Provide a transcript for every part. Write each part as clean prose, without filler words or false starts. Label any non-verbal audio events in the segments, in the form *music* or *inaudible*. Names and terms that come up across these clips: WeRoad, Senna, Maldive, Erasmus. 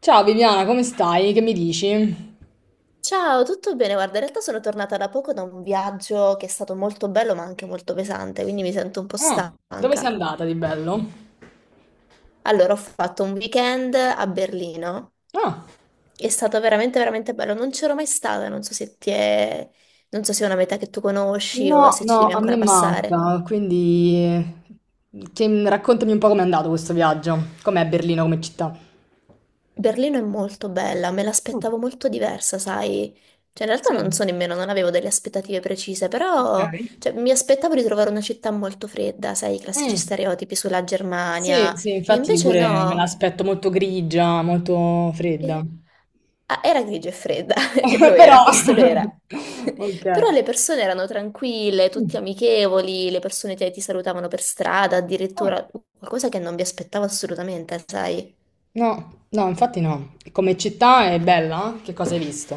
Ciao Viviana, come stai? Che mi dici? Ciao, tutto bene? Guarda, in realtà sono tornata da poco da un viaggio che è stato molto bello ma anche molto pesante, quindi mi sento un po' Ah, dove sei stanca. andata di bello? Allora, ho fatto un weekend a Berlino. Ah, È stato veramente, veramente bello. Non c'ero mai stata, non so se è una meta che tu conosci o no, se ci no, devi a me ancora passare. manca, quindi raccontami un po' com'è andato questo viaggio. Com'è Berlino come città? Berlino è molto bella, me Mm, l'aspettavo molto diversa, sai? Cioè, in realtà non sì, so nemmeno, non avevo delle aspettative precise, ok. però cioè, mi aspettavo di trovare una città molto fredda, sai, i classici Mm, stereotipi sulla sì, Germania, sì, e infatti io invece pure me no. l'aspetto molto grigia, molto E- fredda. ah, era grigia e fredda, *laughs* lo *laughs* Però, era, questo lo *laughs* era. *laughs* Però ok. le persone erano tranquille, tutti Mm, amichevoli, le persone ti salutavano per strada, ah, addirittura qualcosa che non vi aspettavo assolutamente, sai? no, no, infatti no. Come città è bella? Che cosa hai visto?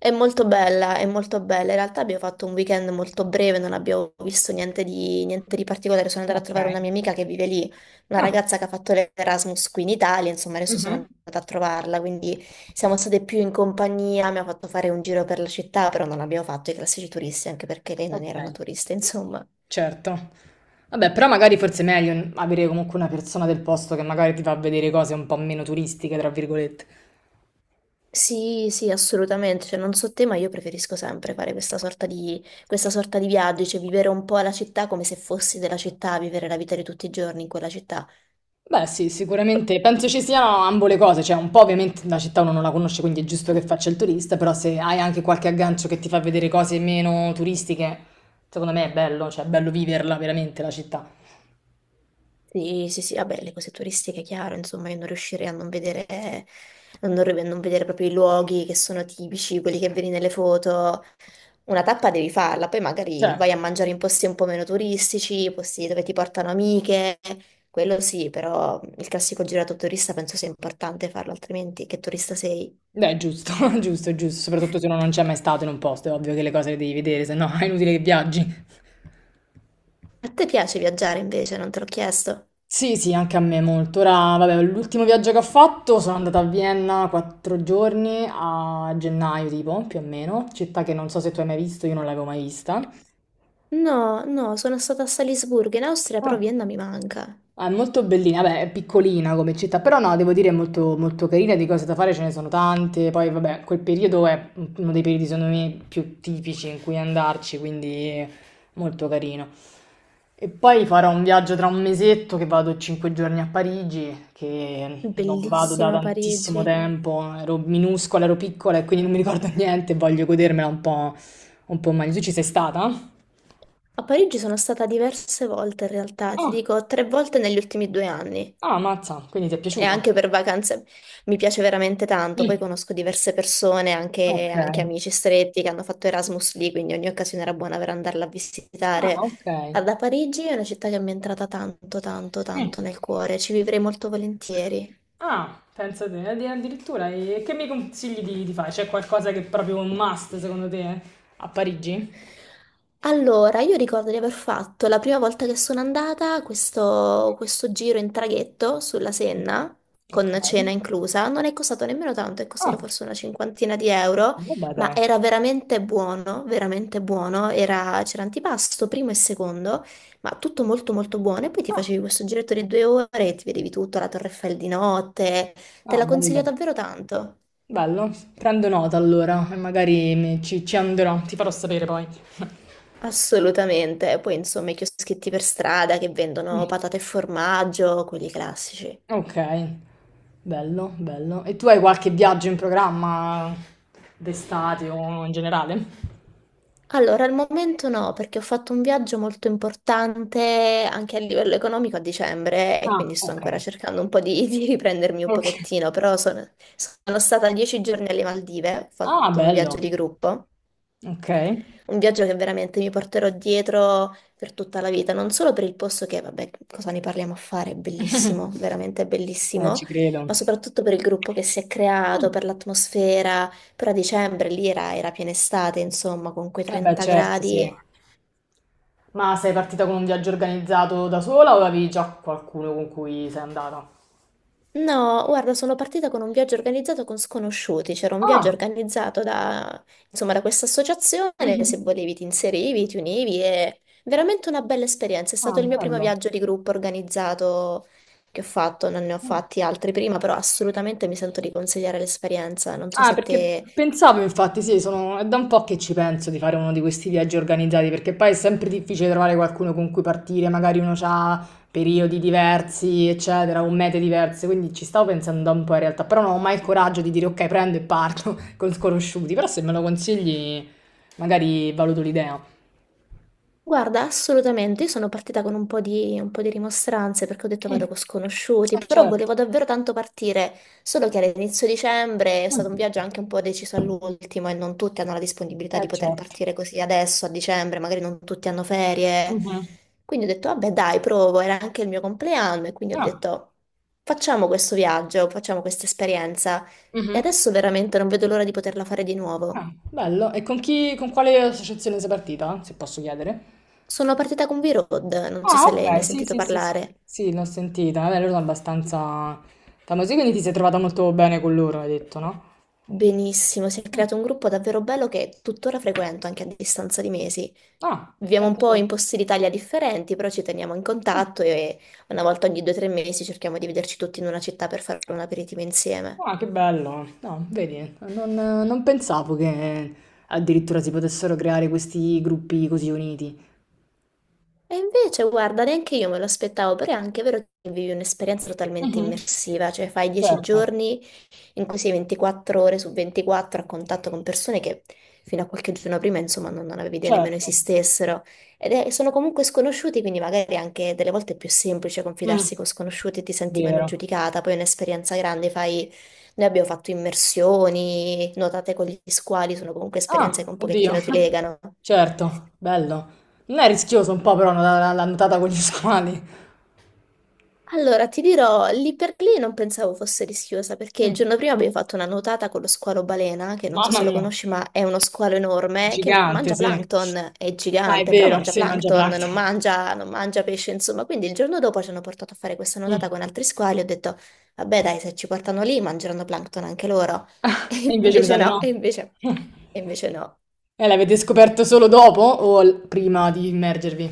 È molto bella, è molto bella. In realtà abbiamo fatto un weekend molto breve, non abbiamo visto niente di particolare. Sono andata a Ok. trovare una mia amica che vive lì, una Ah, ragazza che ha fatto l'Erasmus qui in Italia, insomma, adesso sono mhm. andata a trovarla, quindi siamo state più in compagnia, mi ha fatto fare un giro per la città, però non abbiamo fatto i classici turisti, anche perché lei non Ok, era una turista, insomma. certo. Vabbè, però magari forse è meglio avere comunque una persona del posto che magari ti fa vedere cose un po' meno turistiche, tra virgolette. Sì, sì, assolutamente. Cioè, non so te, ma io preferisco sempre fare questa sorta di viaggio, cioè vivere un po' la città come se fossi della città, vivere la vita di tutti i giorni in quella città. Beh, sì, sicuramente penso ci siano ambo le cose, cioè un po' ovviamente la città uno non la conosce, quindi è giusto che faccia il turista, però se hai anche qualche aggancio che ti fa vedere cose meno turistiche, secondo me è bello, cioè è bello viverla veramente la città. Sì, sì, sì, vabbè, le cose turistiche, chiaro, insomma, io non riuscirei a non vedere, a non vedere proprio i luoghi che sono tipici, quelli che vedi nelle foto. Una tappa devi farla, poi magari vai Certo. a mangiare in posti un po' meno turistici, posti dove ti portano amiche, quello sì, però il classico girato turista penso sia importante farlo, altrimenti che turista sei? Beh, è giusto, *laughs* giusto, è giusto, soprattutto se uno non c'è mai stato in un posto, è ovvio che le cose le devi vedere, se no *laughs* è inutile che viaggi. A te piace viaggiare invece, non te l'ho chiesto? Sì, sì, anche a me molto. Ora, vabbè, l'ultimo viaggio che ho fatto sono andata a Vienna 4 giorni a gennaio, tipo, più o meno, città che non so se tu hai mai visto, io non l'avevo mai vista. No, no, sono stata a Salisburgo in Austria, però Vienna mi manca. Ah, è molto bellina, beh, è piccolina come città, però no, devo dire è molto, molto carina, di cose da fare ce ne sono tante, poi vabbè, quel periodo è uno dei periodi secondo me più tipici in cui andarci, quindi molto carino. E poi farò un viaggio tra un mesetto che vado 5 giorni a Parigi, che non vado da Bellissima tantissimo Parigi. tempo, ero minuscola, ero piccola e quindi non mi ricordo *laughs* niente, voglio godermela un po' meglio. Tu ci sei stata? A Parigi sono stata diverse volte in realtà, ti Ah, dico 3 volte negli ultimi 2 anni. ah, mazza, quindi ti è E piaciuta? anche per vacanze mi piace veramente tanto, poi Mm, conosco diverse persone, anche, ok. anche amici stretti che hanno fatto Erasmus lì, quindi ogni occasione era buona per andarla a Ah, visitare. ok. Ah, da Parigi è una città che mi è entrata tanto, tanto, Eh. tanto nel cuore, ci vivrei molto volentieri. Ah, pensa te, addirittura. E che mi consigli di fare? C'è qualcosa che è proprio un must secondo te a Parigi? Allora, io ricordo di aver fatto la prima volta che sono andata questo, questo giro in traghetto sulla Senna, Ok. con cena inclusa. Non è costato nemmeno tanto, è costato Ah, forse una cinquantina di euro, vabbè, ma dai. era veramente buono, veramente buono. C'era antipasto, primo e secondo, ma tutto molto molto buono. E poi ti Ah, facevi questo giretto di 2 ore e ti vedevi tutto, la Torre Eiffel di notte. Te ah, la consiglio bello. davvero tanto. Bello, prendo nota allora e magari ci andrò, ti farò sapere poi. Assolutamente, poi insomma i chioschetti per strada che Ah. vendono patate e formaggio, quelli classici. Ok, bello, bello. E tu hai qualche viaggio in programma d'estate o in generale? Allora, al momento no, perché ho fatto un viaggio molto importante anche a livello economico a dicembre e Ah, quindi sto ok. ancora cercando un po' di riprendermi un Ok. pochettino, però sono, sono stata 10 giorni alle Maldive, ho Ah, fatto un viaggio bello. di gruppo. Okay. Un viaggio che veramente mi porterò dietro per tutta la vita, non solo per il posto che, vabbè, cosa ne parliamo a fare, è bellissimo, *laughs* veramente bellissimo, ci ma credo. soprattutto per il gruppo che si è creato, Mh. per l'atmosfera. Però a dicembre lì era, era piena estate, insomma, con quei Eh beh, 30 certo, sì. gradi. Ma sei partita con un viaggio organizzato da sola o avevi già qualcuno con cui sei andata? No, guarda, sono partita con un viaggio organizzato con sconosciuti, c'era un viaggio Ah. organizzato insomma, da questa associazione, *laughs* se Mh-mh. volevi ti inserivi, ti univi e veramente una bella esperienza. È Ah, stato il mio primo bello. viaggio di gruppo organizzato che ho fatto, non ne ho Mh. fatti altri prima, però assolutamente mi sento di consigliare l'esperienza. Non so Ah, se a perché te. pensavo, infatti, sì, è da un po' che ci penso di fare uno di questi viaggi organizzati, perché poi è sempre difficile trovare qualcuno con cui partire, magari uno ha periodi diversi, eccetera, o mete diverse, quindi ci stavo pensando da un po' in realtà, però non ho mai il coraggio di dire ok, prendo e parto *laughs* con sconosciuti, però se me lo consigli magari valuto l'idea. Guarda, assolutamente, io sono partita con un po' di rimostranze perché ho detto vado Mm. con sconosciuti, Eh però certo. volevo davvero tanto partire, solo che all'inizio dicembre è stato un Mm. viaggio anche un po' deciso all'ultimo e non tutti hanno la disponibilità di Eh poter certo. partire così adesso a dicembre, magari non tutti hanno ferie. Mhm. Quindi ho detto vabbè dai, provo, era anche il mio compleanno e quindi ho Ah. detto facciamo questo viaggio, facciamo questa esperienza e Mhm. adesso veramente non vedo l'ora di poterla fare di nuovo. Ah, bello. E con chi, con quale associazione sei partita, se posso chiedere? Sono partita con V-Road, non so Ah, se lei ne ha ok, sì, sentito sì, sì, sì, parlare. sì, l'ho sentita. Vabbè, loro sono abbastanza famosi, quindi ti sei trovata molto bene con loro, hai detto, no? Benissimo, si è Mm. creato un gruppo davvero bello che tuttora frequento anche a distanza di mesi. Ah, Viviamo un pensa po' te. in posti d'Italia differenti, però ci teniamo in Mm. contatto e una volta ogni 2 o 3 mesi cerchiamo di vederci tutti in una città per fare un aperitivo insieme. Ah, che bello. No, vedi, non, pensavo che addirittura si potessero creare questi gruppi così uniti. E invece, guarda, neanche io me lo aspettavo, però è anche vero che vivi un'esperienza totalmente Mhm. immersiva, cioè fai dieci Certo, giorni in cui sei 24 ore su 24 a contatto con persone che fino a qualche giorno prima, insomma, non avevi idea nemmeno certo. esistessero. Sono comunque sconosciuti, quindi magari anche delle volte è più semplice confidarsi Mm, con sconosciuti e ti senti meno vero. giudicata. Poi è un'esperienza grande, fai... Noi abbiamo fatto immersioni, nuotate con gli squali, sono comunque esperienze che Ah, un oddio. pochettino ti legano. Certo, bello. Non è rischioso un po' però la nuotata con gli squali. Allora, ti dirò, lì per lì non pensavo fosse rischiosa, perché il Mm. giorno prima abbiamo fatto una nuotata con lo squalo balena, che non so Mamma se lo mia. conosci, ma è uno squalo enorme che Gigante, mangia sì. plankton, è Ah, è gigante, però vero, mangia sì, mangia plankton, plancton. Non mangia pesce, insomma. Quindi il giorno dopo ci hanno portato a fare questa nuotata Mm. con altri squali, ho detto, vabbè dai, se ci portano lì mangeranno plankton anche loro. E *laughs* E invece mi invece sa di no, no. *laughs* E invece no. E l'avete scoperto solo dopo o prima di immergervi?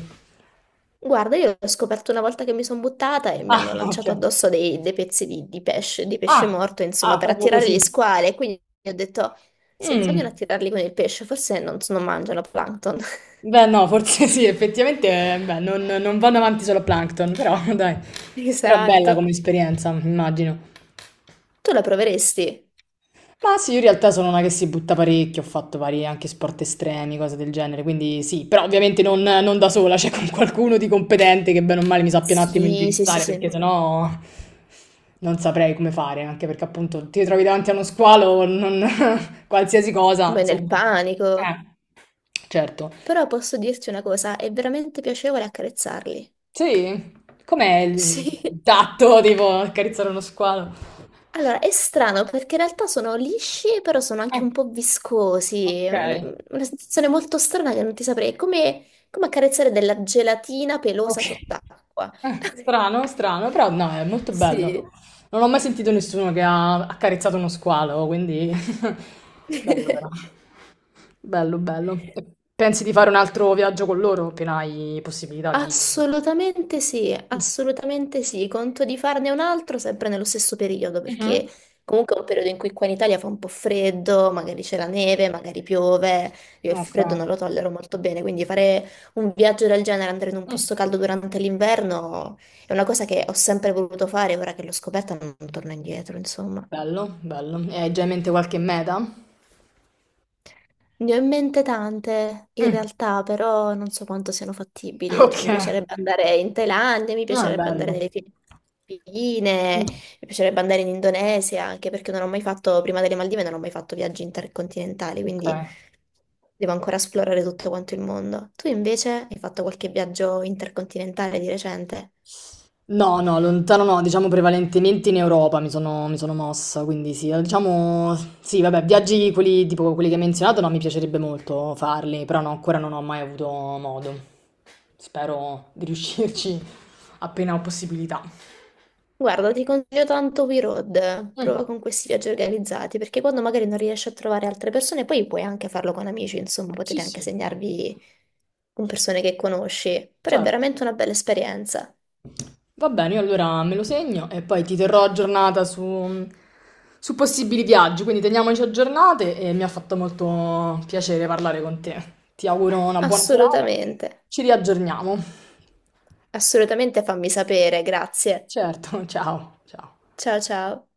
Guarda, io l'ho scoperto una volta che mi sono buttata e mi Ah, hanno ok. lanciato addosso dei pezzi di pesce Ah, morto, insomma, ah, per proprio attirare gli così. squali. E quindi ho detto, se vogliono Mm. attirarli con il pesce, forse non, so, non mangiano plankton. *laughs* Beh, no, forse *laughs* sì, effettivamente, beh, non vanno avanti solo a Plankton, però *laughs* dai. Però bella Esatto. come esperienza, immagino. Tu la proveresti? Ma sì, io in realtà sono una che si butta parecchio, ho fatto vari anche sport estremi, cose del genere, quindi sì, però ovviamente non da sola, *laughs* c'è con qualcuno di competente che bene o male mi sappia un attimo Sì, sì, sì, indirizzare, perché sì. sennò non saprei come fare, anche perché appunto ti trovi davanti a uno squalo, *laughs* qualsiasi cosa, Beh, nel insomma. panico. Certo. Però posso dirti una cosa, è veramente piacevole accarezzarli. Sì, com'è il Sì. tatto, tipo, accarezzare uno squalo? Allora, è strano perché in realtà sono lisci, però sono Eh, anche un po' viscosi. Ok. È una sensazione molto strana che non ti saprei. È come, come accarezzare della gelatina Ok. pelosa sott'acqua. *laughs* Strano, strano, però no, è molto bello. Sì. Non ho mai sentito nessuno che ha accarezzato uno squalo, quindi *laughs* bello *laughs* però. Bello, bello. E pensi di fare un altro viaggio con loro appena hai possibilità di... Assolutamente sì, Mm. assolutamente sì. Conto di farne un altro sempre nello stesso periodo, Mhm. perché comunque è un periodo in cui qua in Italia fa un po' freddo, magari c'è la neve, magari piove. Io il Ok. freddo non lo tollero molto bene, quindi fare un viaggio del genere, andare in un Mm. posto caldo durante l'inverno, è una cosa che ho sempre voluto fare, ora che l'ho scoperta non torno indietro, insomma. Bello, bello. E hai già in mente qualche meta? Ne ho in mente tante, in Mm. realtà, però non so quanto siano fattibili. Cioè, Ok. mi piacerebbe andare in Thailandia, mi Ah, piacerebbe andare bello. nelle Filippine, Mm. mi piacerebbe andare in Indonesia, anche perché non ho mai fatto, prima delle Maldive, non ho mai fatto viaggi intercontinentali, Ok. quindi devo ancora esplorare tutto quanto il mondo. Tu invece hai fatto qualche viaggio intercontinentale di recente? No, no, lontano no, diciamo prevalentemente in Europa mi sono mossa, quindi sì, diciamo, sì, vabbè, viaggi quelli, tipo quelli che hai menzionato, no, mi piacerebbe molto farli, però no, ancora non ho mai avuto modo. Spero di riuscirci *laughs* appena ho possibilità. Guarda, ti consiglio tanto WeRoad, prova Mm, con questi viaggi organizzati, perché quando magari non riesci a trovare altre persone, poi puoi anche farlo con amici, insomma, sì, potete anche sì, segnarvi con persone che conosci, però è certo. veramente una bella esperienza. Va bene, io allora me lo segno e poi ti terrò aggiornata su, possibili viaggi, quindi teniamoci aggiornate e mi ha fatto molto piacere parlare con te. Ti auguro una buona serata, Assolutamente, ci riaggiorniamo. assolutamente fammi sapere, grazie. Certo, *laughs* ciao, ciao. Ciao ciao.